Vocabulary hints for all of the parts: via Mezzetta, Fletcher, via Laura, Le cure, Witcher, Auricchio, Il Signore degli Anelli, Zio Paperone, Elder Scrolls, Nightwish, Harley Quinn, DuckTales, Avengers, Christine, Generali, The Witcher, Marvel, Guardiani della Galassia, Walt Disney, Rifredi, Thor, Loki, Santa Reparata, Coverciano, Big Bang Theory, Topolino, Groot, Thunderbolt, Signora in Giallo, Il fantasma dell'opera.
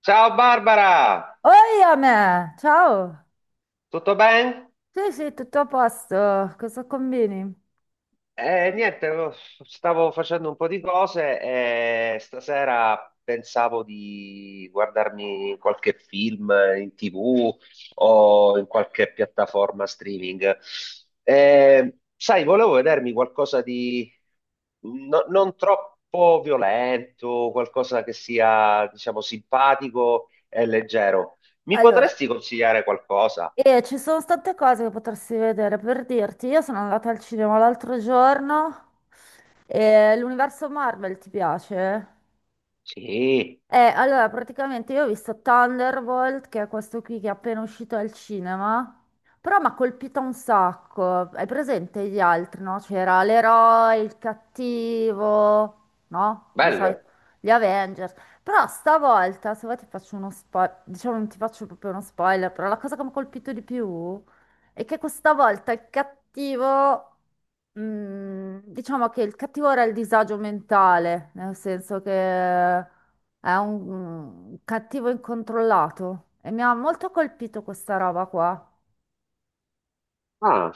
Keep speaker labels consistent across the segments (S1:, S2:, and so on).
S1: Ciao Barbara,
S2: Oi a me, ciao.
S1: tutto bene?
S2: Sì, sì, tutto a posto. Cosa combini?
S1: Niente, lo- Stavo facendo un po' di cose e stasera pensavo di guardarmi qualche film in TV o in qualche piattaforma streaming. Sai, volevo vedermi qualcosa di non troppo violento, qualcosa che sia, diciamo, simpatico e leggero. Mi
S2: Allora,
S1: potresti consigliare qualcosa?
S2: ci sono tante cose che potresti vedere. Per dirti, io sono andata al cinema l'altro giorno e l'universo Marvel ti piace?
S1: Sì,
S2: Allora, praticamente io ho visto Thunderbolt, che è questo qui che è appena uscito al cinema, però mi ha colpito un sacco. Hai presente gli altri, no? C'era l'eroe, il cattivo, no? Di solito
S1: bello.
S2: gli Avengers. Però stavolta, se vuoi ti faccio uno spoiler, diciamo non ti faccio proprio uno spoiler, però la cosa che mi ha colpito di più e che questa volta il cattivo, diciamo che il cattivo era il disagio mentale, nel senso che è un cattivo incontrollato e mi ha molto colpito questa roba qua.
S1: Ah,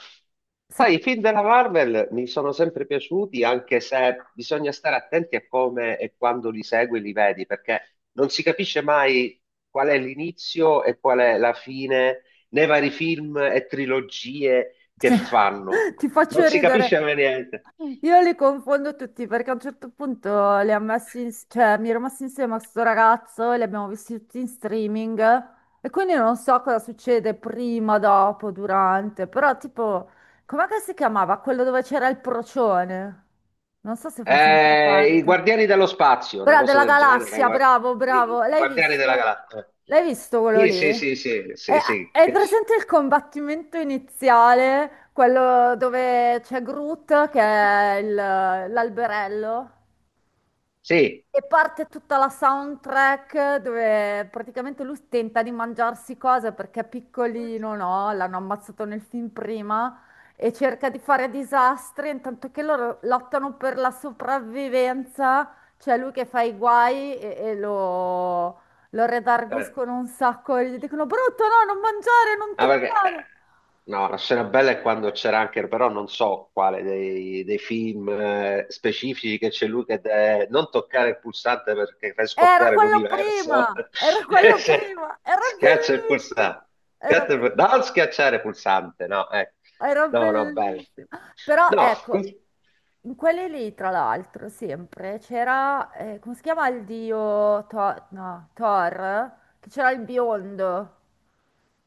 S2: Se-
S1: sai, i film della Marvel mi sono sempre piaciuti, anche se bisogna stare attenti a come e quando li segui e li vedi, perché non si capisce mai qual è l'inizio e qual è la fine nei vari film e trilogie che
S2: se-
S1: fanno.
S2: ti
S1: Non
S2: faccio
S1: si capisce
S2: ridere.
S1: mai niente.
S2: Io li confondo tutti perché a un certo punto li ha messi cioè, mi ero messa insieme a questo ragazzo e li abbiamo visti tutti in streaming e quindi non so cosa succede prima, dopo, durante, però tipo, com'è che si chiamava? Quello dove c'era il procione? Non so se fa sempre
S1: I
S2: parte.
S1: Guardiani dello Spazio, una
S2: Bra,
S1: cosa
S2: della
S1: del genere, i,
S2: galassia,
S1: guar-
S2: bravo, bravo.
S1: i- i
S2: L'hai
S1: Guardiani della
S2: visto?
S1: Galassia.
S2: L'hai visto quello
S1: Sì,
S2: lì?
S1: sì, sì, sì,
S2: È,
S1: sì, sì.
S2: è presente il combattimento iniziale, quello dove c'è Groot, che è l'alberello?
S1: Sì.
S2: E parte tutta la soundtrack dove praticamente lui tenta di mangiarsi cose perché è piccolino, no? L'hanno ammazzato nel film prima e cerca di fare disastri, intanto che loro lottano per la sopravvivenza, c'è lui che fa i guai e lo
S1: Eh.
S2: redarguiscono un sacco e gli dicono brutto, no, non mangiare, non
S1: Ah, perché,
S2: toccare.
S1: no, la scena bella è quando c'era anche, però non so quale dei film specifici, che c'è lui che deve non toccare il pulsante perché fai
S2: Era
S1: scoppiare
S2: quello
S1: l'universo.
S2: prima, era quello
S1: Se-
S2: prima, era
S1: Schiaccia il pulsante.
S2: bellissimo, era bellissimo.
S1: Non schiacciare il pulsante, no, eh.
S2: Era
S1: No, no, bello.
S2: bellissimo. Però
S1: No,
S2: ecco,
S1: que-
S2: in quelli lì, tra l'altro, sempre c'era, come si chiama il dio Thor? No, Thor? Che c'era il biondo.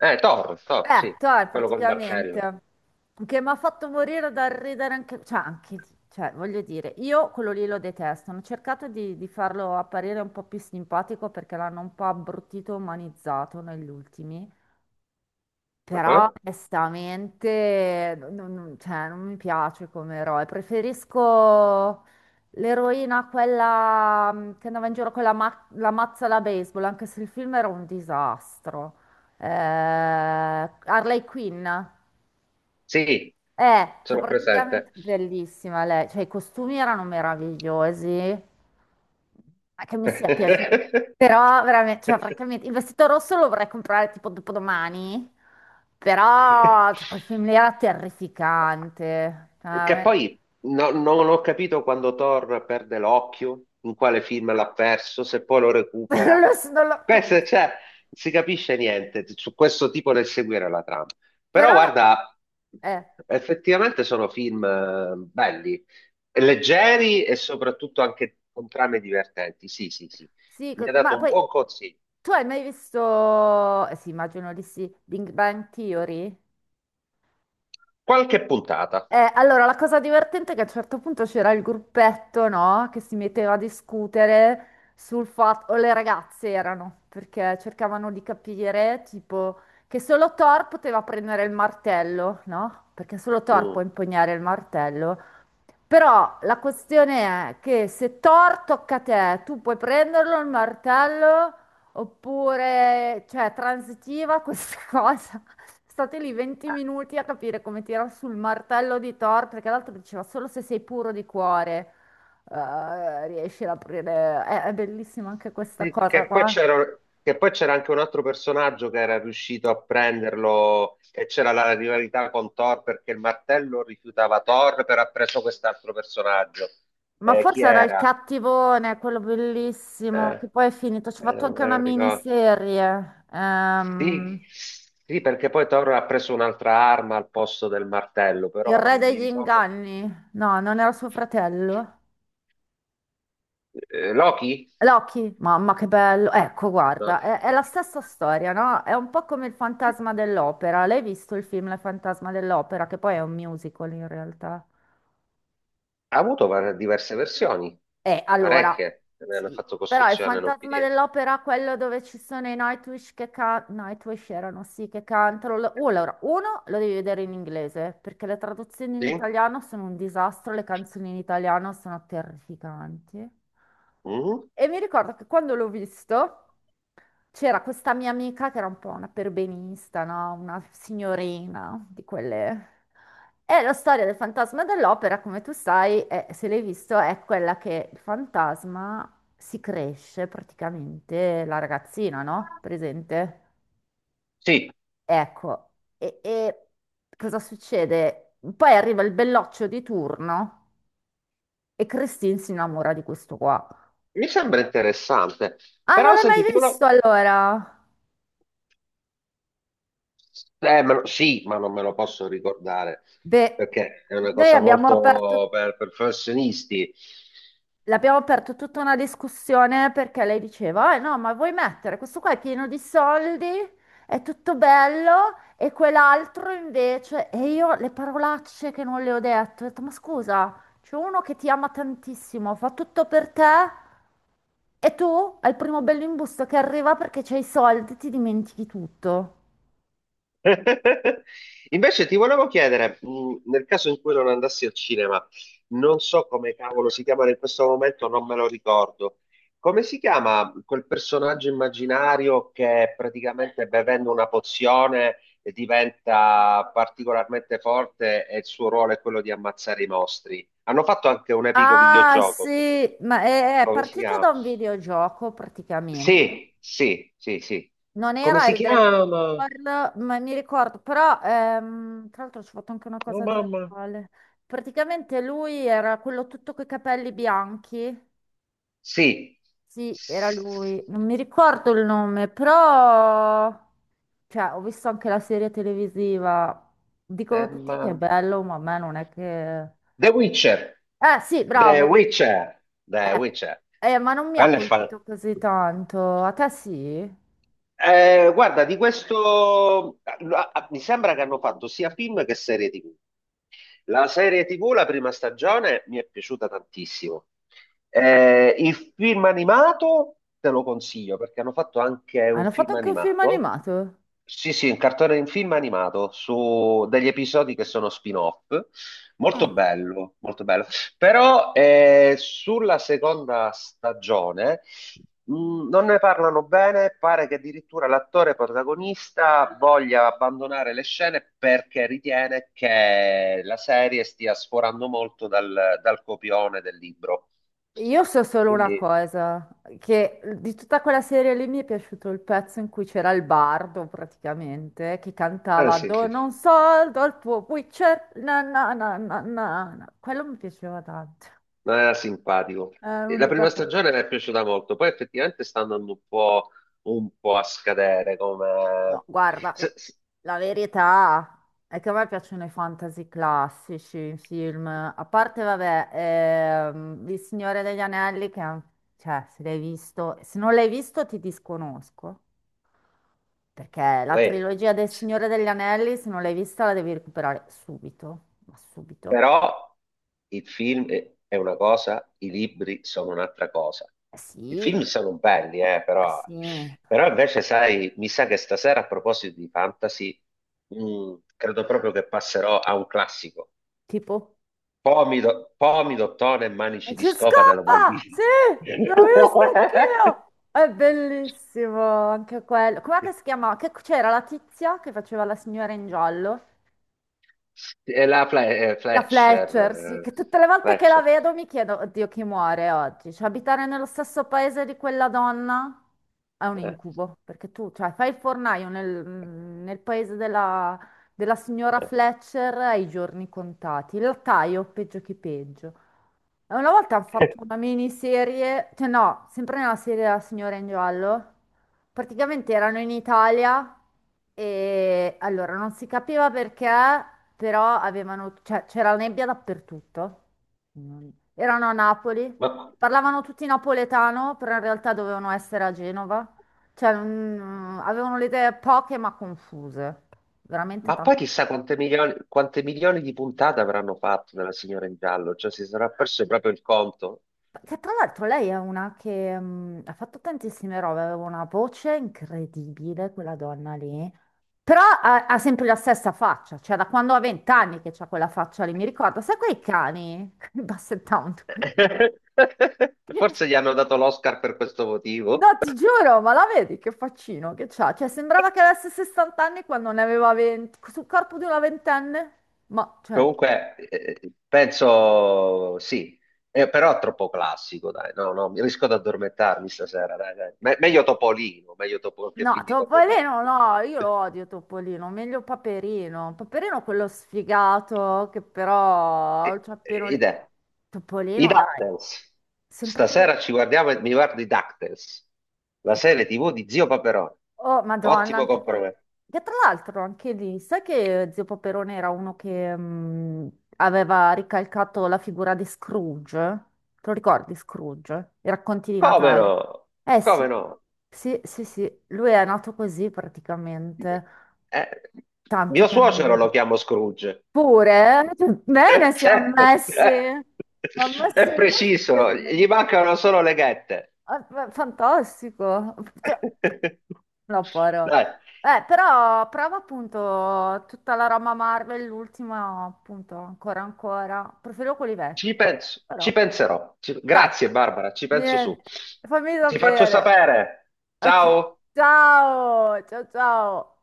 S1: Thor, sì,
S2: Thor
S1: quello col martello.
S2: praticamente. Che mi ha fatto morire dal ridere anche, cioè, anche lì, cioè, voglio dire, io quello lì lo detesto. Hanno cercato di farlo apparire un po' più simpatico perché l'hanno un po' abbruttito, umanizzato negli ultimi. Però
S1: Ah,
S2: onestamente, cioè, non mi piace come eroe, preferisco l'eroina, quella che andava in giro con la mazza da baseball, anche se il film era un disastro. Harley Quinn,
S1: sì,
S2: che
S1: sono
S2: praticamente
S1: presente.
S2: bellissima lei, cioè i costumi erano meravigliosi, ma che mi sia piaciuto, però veramente, cioè francamente, il vestito rosso lo vorrei comprare tipo dopodomani, però cioè, quel film lì era terrificante, cioè,
S1: Che
S2: veramente.
S1: poi non ho capito quando Thor perde l'occhio, in quale film l'ha perso, se poi lo
S2: Non
S1: recupera.
S2: lo so, non lo-
S1: Questo, cioè, non si capisce niente su questo tipo nel seguire la trama. Però
S2: però la.
S1: guarda,
S2: eh,
S1: effettivamente sono film belli, leggeri e soprattutto anche con trame divertenti. Sì, sì, sì.
S2: sì,
S1: Mi
S2: co-
S1: ha
S2: ma
S1: dato un
S2: poi
S1: buon consiglio.
S2: tu hai mai visto, eh sì immagino di sì, Big Bang Theory?
S1: Qualche puntata.
S2: Allora, la cosa divertente è che a un certo punto c'era il gruppetto, no? Che si metteva a discutere sul fatto, o le ragazze erano, perché cercavano di capire, tipo, che solo Thor poteva prendere il martello, no? Perché solo Thor può
S1: Mm.
S2: impugnare il martello. Però la questione è che se Thor tocca a te, tu puoi prenderlo il martello oppure, cioè, transitiva questa cosa. State lì 20 minuti a capire come tirare sul martello di Thor, perché l'altro diceva solo se sei puro di cuore, riesci ad aprire. È bellissima anche questa
S1: Sì.
S2: cosa
S1: Che poi
S2: qua.
S1: c'era che poi c'era anche un altro personaggio che era riuscito a prenderlo e c'era la rivalità con Thor perché il martello rifiutava Thor, però ha preso quest'altro personaggio.
S2: Ma
S1: Chi
S2: forse era il
S1: era?
S2: cattivone, quello bellissimo,
S1: Eh,
S2: che poi è finito. Ci ho fatto
S1: non
S2: anche
S1: me
S2: una
S1: lo ricordo.
S2: miniserie.
S1: Sì, sì, perché poi Thor ha preso un'altra arma al posto del martello, però
S2: Il
S1: ora
S2: re
S1: non mi
S2: degli
S1: ricordo.
S2: inganni? No, non era suo fratello.
S1: Loki?
S2: Loki? Mamma che bello. Ecco,
S1: No.
S2: guarda, è la stessa storia, no? È un po' come il fantasma dell'opera. L'hai visto il film Il fantasma dell'opera, che poi è un musical in realtà.
S1: Diverse versioni,
S2: Allora,
S1: parecchie, ne hanno
S2: sì,
S1: fatto
S2: però il
S1: costruzione non
S2: fantasma
S1: finire.
S2: dell'opera, quello dove ci sono i Nightwish che, Nightwish erano, sì, che cantano. Allora, uno lo devi vedere in inglese, perché le traduzioni in
S1: Sì?
S2: italiano sono un disastro, le canzoni in italiano sono terrificanti.
S1: Mhm.
S2: E mi ricordo che quando l'ho visto. C'era questa mia amica che era un po' una perbenista, no? Una signorina di quelle. E la storia del fantasma dell'opera, come tu sai, se l'hai visto, è quella che il fantasma si cresce praticamente la ragazzina, no? Presente?
S1: Sì,
S2: Ecco, e cosa succede? Poi arriva il belloccio di turno e Christine si innamora di questo qua.
S1: mi sembra interessante,
S2: Ah, non
S1: però
S2: l'hai mai
S1: sentite,
S2: visto allora?
S1: sì, ma non me lo posso ricordare
S2: Beh,
S1: perché è una
S2: noi
S1: cosa
S2: abbiamo
S1: molto
S2: aperto.
S1: per professionisti.
S2: L'abbiamo aperto tutta una discussione perché lei diceva, eh no, ma vuoi mettere questo qua è pieno di soldi, è tutto bello, e quell'altro invece, e io le parolacce che non le ho detto, ma scusa, c'è uno che ti ama tantissimo, fa tutto per te, e tu al primo bello imbusto che arriva perché c'hai i soldi, ti dimentichi tutto.
S1: Invece ti volevo chiedere, nel caso in cui non andassi al cinema, non so come cavolo si chiamano in questo momento, non me lo ricordo. Come si chiama quel personaggio immaginario che praticamente bevendo una pozione diventa particolarmente forte e il suo ruolo è quello di ammazzare i mostri? Hanno fatto anche un epico
S2: Ah
S1: videogioco su questo.
S2: sì, ma è
S1: Come si
S2: partito
S1: chiama?
S2: da un videogioco praticamente.
S1: Sì, sì, sì, sì.
S2: Non
S1: Come
S2: era
S1: si
S2: Elder
S1: chiama?
S2: Scrolls, ma mi ricordo, però tra l'altro ci ho fatto anche una
S1: Oh
S2: cosa
S1: mamma.
S2: teatrale. Praticamente lui era quello tutto coi capelli bianchi.
S1: Sì.
S2: Sì, era lui. Non mi ricordo il nome, però cioè, ho visto anche la serie televisiva. Dicono
S1: Eh,
S2: tutti che è
S1: ma-
S2: bello, ma a me non è che.
S1: The Witcher,
S2: Eh sì,
S1: The
S2: bravo.
S1: Witcher, The
S2: Eh,
S1: Witcher.
S2: ma non mi ha
S1: Quello è fan-
S2: colpito così tanto. A te sì?
S1: Guarda, di questo ah, ah, mi sembra che hanno fatto sia film che serie TV. La serie TV, la prima stagione, mi è piaciuta tantissimo. Il film animato te lo consiglio perché hanno fatto anche un
S2: Hanno fatto
S1: film
S2: anche un film
S1: animato.
S2: animato?
S1: Sì, sì, un cartone in film animato su degli episodi che sono spin-off. Molto
S2: Ah.
S1: bello, molto bello. Però sulla seconda stagione non ne parlano bene, pare che addirittura l'attore protagonista voglia abbandonare le scene perché ritiene che la serie stia sforando molto dal copione del libro.
S2: Io so solo una
S1: Quindi,
S2: cosa, che di tutta quella serie lì mi è piaciuto il pezzo in cui c'era il bardo praticamente, che cantava
S1: sì, sì,
S2: Dono un soldo al tuo Witcher, na na na na na. Na". Quello mi piaceva tanto,
S1: non era simpatico.
S2: è
S1: E la
S2: l'unica
S1: prima
S2: cosa.
S1: stagione mi è piaciuta molto, poi effettivamente sta andando un po' a scadere come...
S2: No, guarda, la,
S1: se- se-
S2: la verità è che a me piacciono i fantasy classici, i film, a parte, vabbè, Il Signore degli Anelli, che è un- cioè, se l'hai visto, se non l'hai visto ti disconosco. Perché la
S1: uè,
S2: trilogia del Signore degli Anelli, se non l'hai vista, la devi recuperare subito. Ma subito?
S1: però il film è una cosa, i libri sono un'altra cosa.
S2: Eh
S1: I
S2: sì,
S1: film
S2: eh
S1: sono belli, però,
S2: sì.
S1: però invece, sai, mi sa che stasera a proposito di fantasy, credo proprio che passerò a un classico.
S2: Tipo?
S1: Pomido, Tone e
S2: Ma
S1: Manici di
S2: Ci
S1: Scopa della Walt
S2: scappa!
S1: Disney.
S2: Sì! L'ho vista anch'io! È bellissimo anche quello. Com'è che si chiama? Che c'era la tizia che faceva la signora in giallo? La
S1: Fletcher,
S2: Fletcher, sì, che tutte le volte che la
S1: Fletcher.
S2: vedo mi chiedo, oddio, chi muore oggi? Cioè, abitare nello stesso paese di quella donna è un
S1: Eh,
S2: incubo, perché tu, cioè, fai il fornaio nel, nel paese della, della signora
S1: eh.
S2: Fletcher ai giorni contati. Il lattaio, peggio che peggio. E una volta hanno fatto una miniserie, cioè no, sempre nella serie della signora in giallo. Praticamente erano in Italia e allora non si capiva perché però avevano, cioè, c'era nebbia dappertutto. Non- Erano a Napoli,
S1: Ma,
S2: parlavano tutti napoletano, però in realtà dovevano essere a Genova. Cioè, avevano le idee poche ma confuse, veramente
S1: Ma
S2: tanto.
S1: poi chissà quante milioni di puntate avranno fatto della Signora in Giallo, cioè si sarà perso proprio il conto.
S2: Che tra l'altro lei è una che ha fatto tantissime robe, aveva una voce incredibile, quella donna lì. Però ha sempre la stessa faccia, cioè da quando ha 20 anni che c'ha quella faccia lì, mi ricordo, sai quei cani, quei basset hound.
S1: Forse gli hanno dato l'Oscar per questo
S2: No,
S1: motivo.
S2: ti giuro, ma la vedi che faccino che c'ha? Cioè, sembrava che avesse 60 anni quando ne aveva 20, sul corpo di una ventenne. Ma, cioè,
S1: Comunque, penso sì, però è troppo classico, dai. No, no, mi rischio di addormentarmi stasera, dai, dai. Meglio Topolino, che
S2: no,
S1: film di Topolino.
S2: Topolino, no, io lo odio Topolino, meglio Paperino. Paperino quello sfigato che però c'ha appena.
S1: Idea. I
S2: Topolino, dai,
S1: DuckTales.
S2: sempre quello.
S1: Stasera ci guardiamo e mi guardo i DuckTales, la serie TV di Zio Paperone.
S2: Oh, Madonna,
S1: Ottimo
S2: anche quello.
S1: compromesso.
S2: Che tra l'altro anche lì, sai che Zio Paperone era uno che aveva ricalcato la figura di Scrooge? Te lo ricordi Scrooge? I racconti di
S1: Come
S2: Natale.
S1: no?
S2: Eh
S1: Come
S2: sì,
S1: no?
S2: sì, sì, sì, lui è nato così praticamente,
S1: Eh,
S2: tanto
S1: mio
S2: che non lo
S1: suocero
S2: vedo.
S1: lo chiamo Scrooge.
S2: Pure, eh? Bene, si è
S1: Certo.
S2: messi, ha messi
S1: È
S2: molto
S1: preciso, gli
S2: bene.
S1: mancano solo le ghette.
S2: Ah, Fantastico. No, parole.
S1: Dai,
S2: Però prova appunto tutta la roba Marvel, l'ultima appunto ancora ancora. Preferivo quelli
S1: ci
S2: vecchi.
S1: penso,
S2: Però
S1: ci penserò.
S2: dai,
S1: Grazie Barbara, ci penso su.
S2: niente. Fammi
S1: Ti faccio
S2: sapere.
S1: sapere.
S2: Ok.
S1: Ciao.
S2: Ciao, ciao, ciao.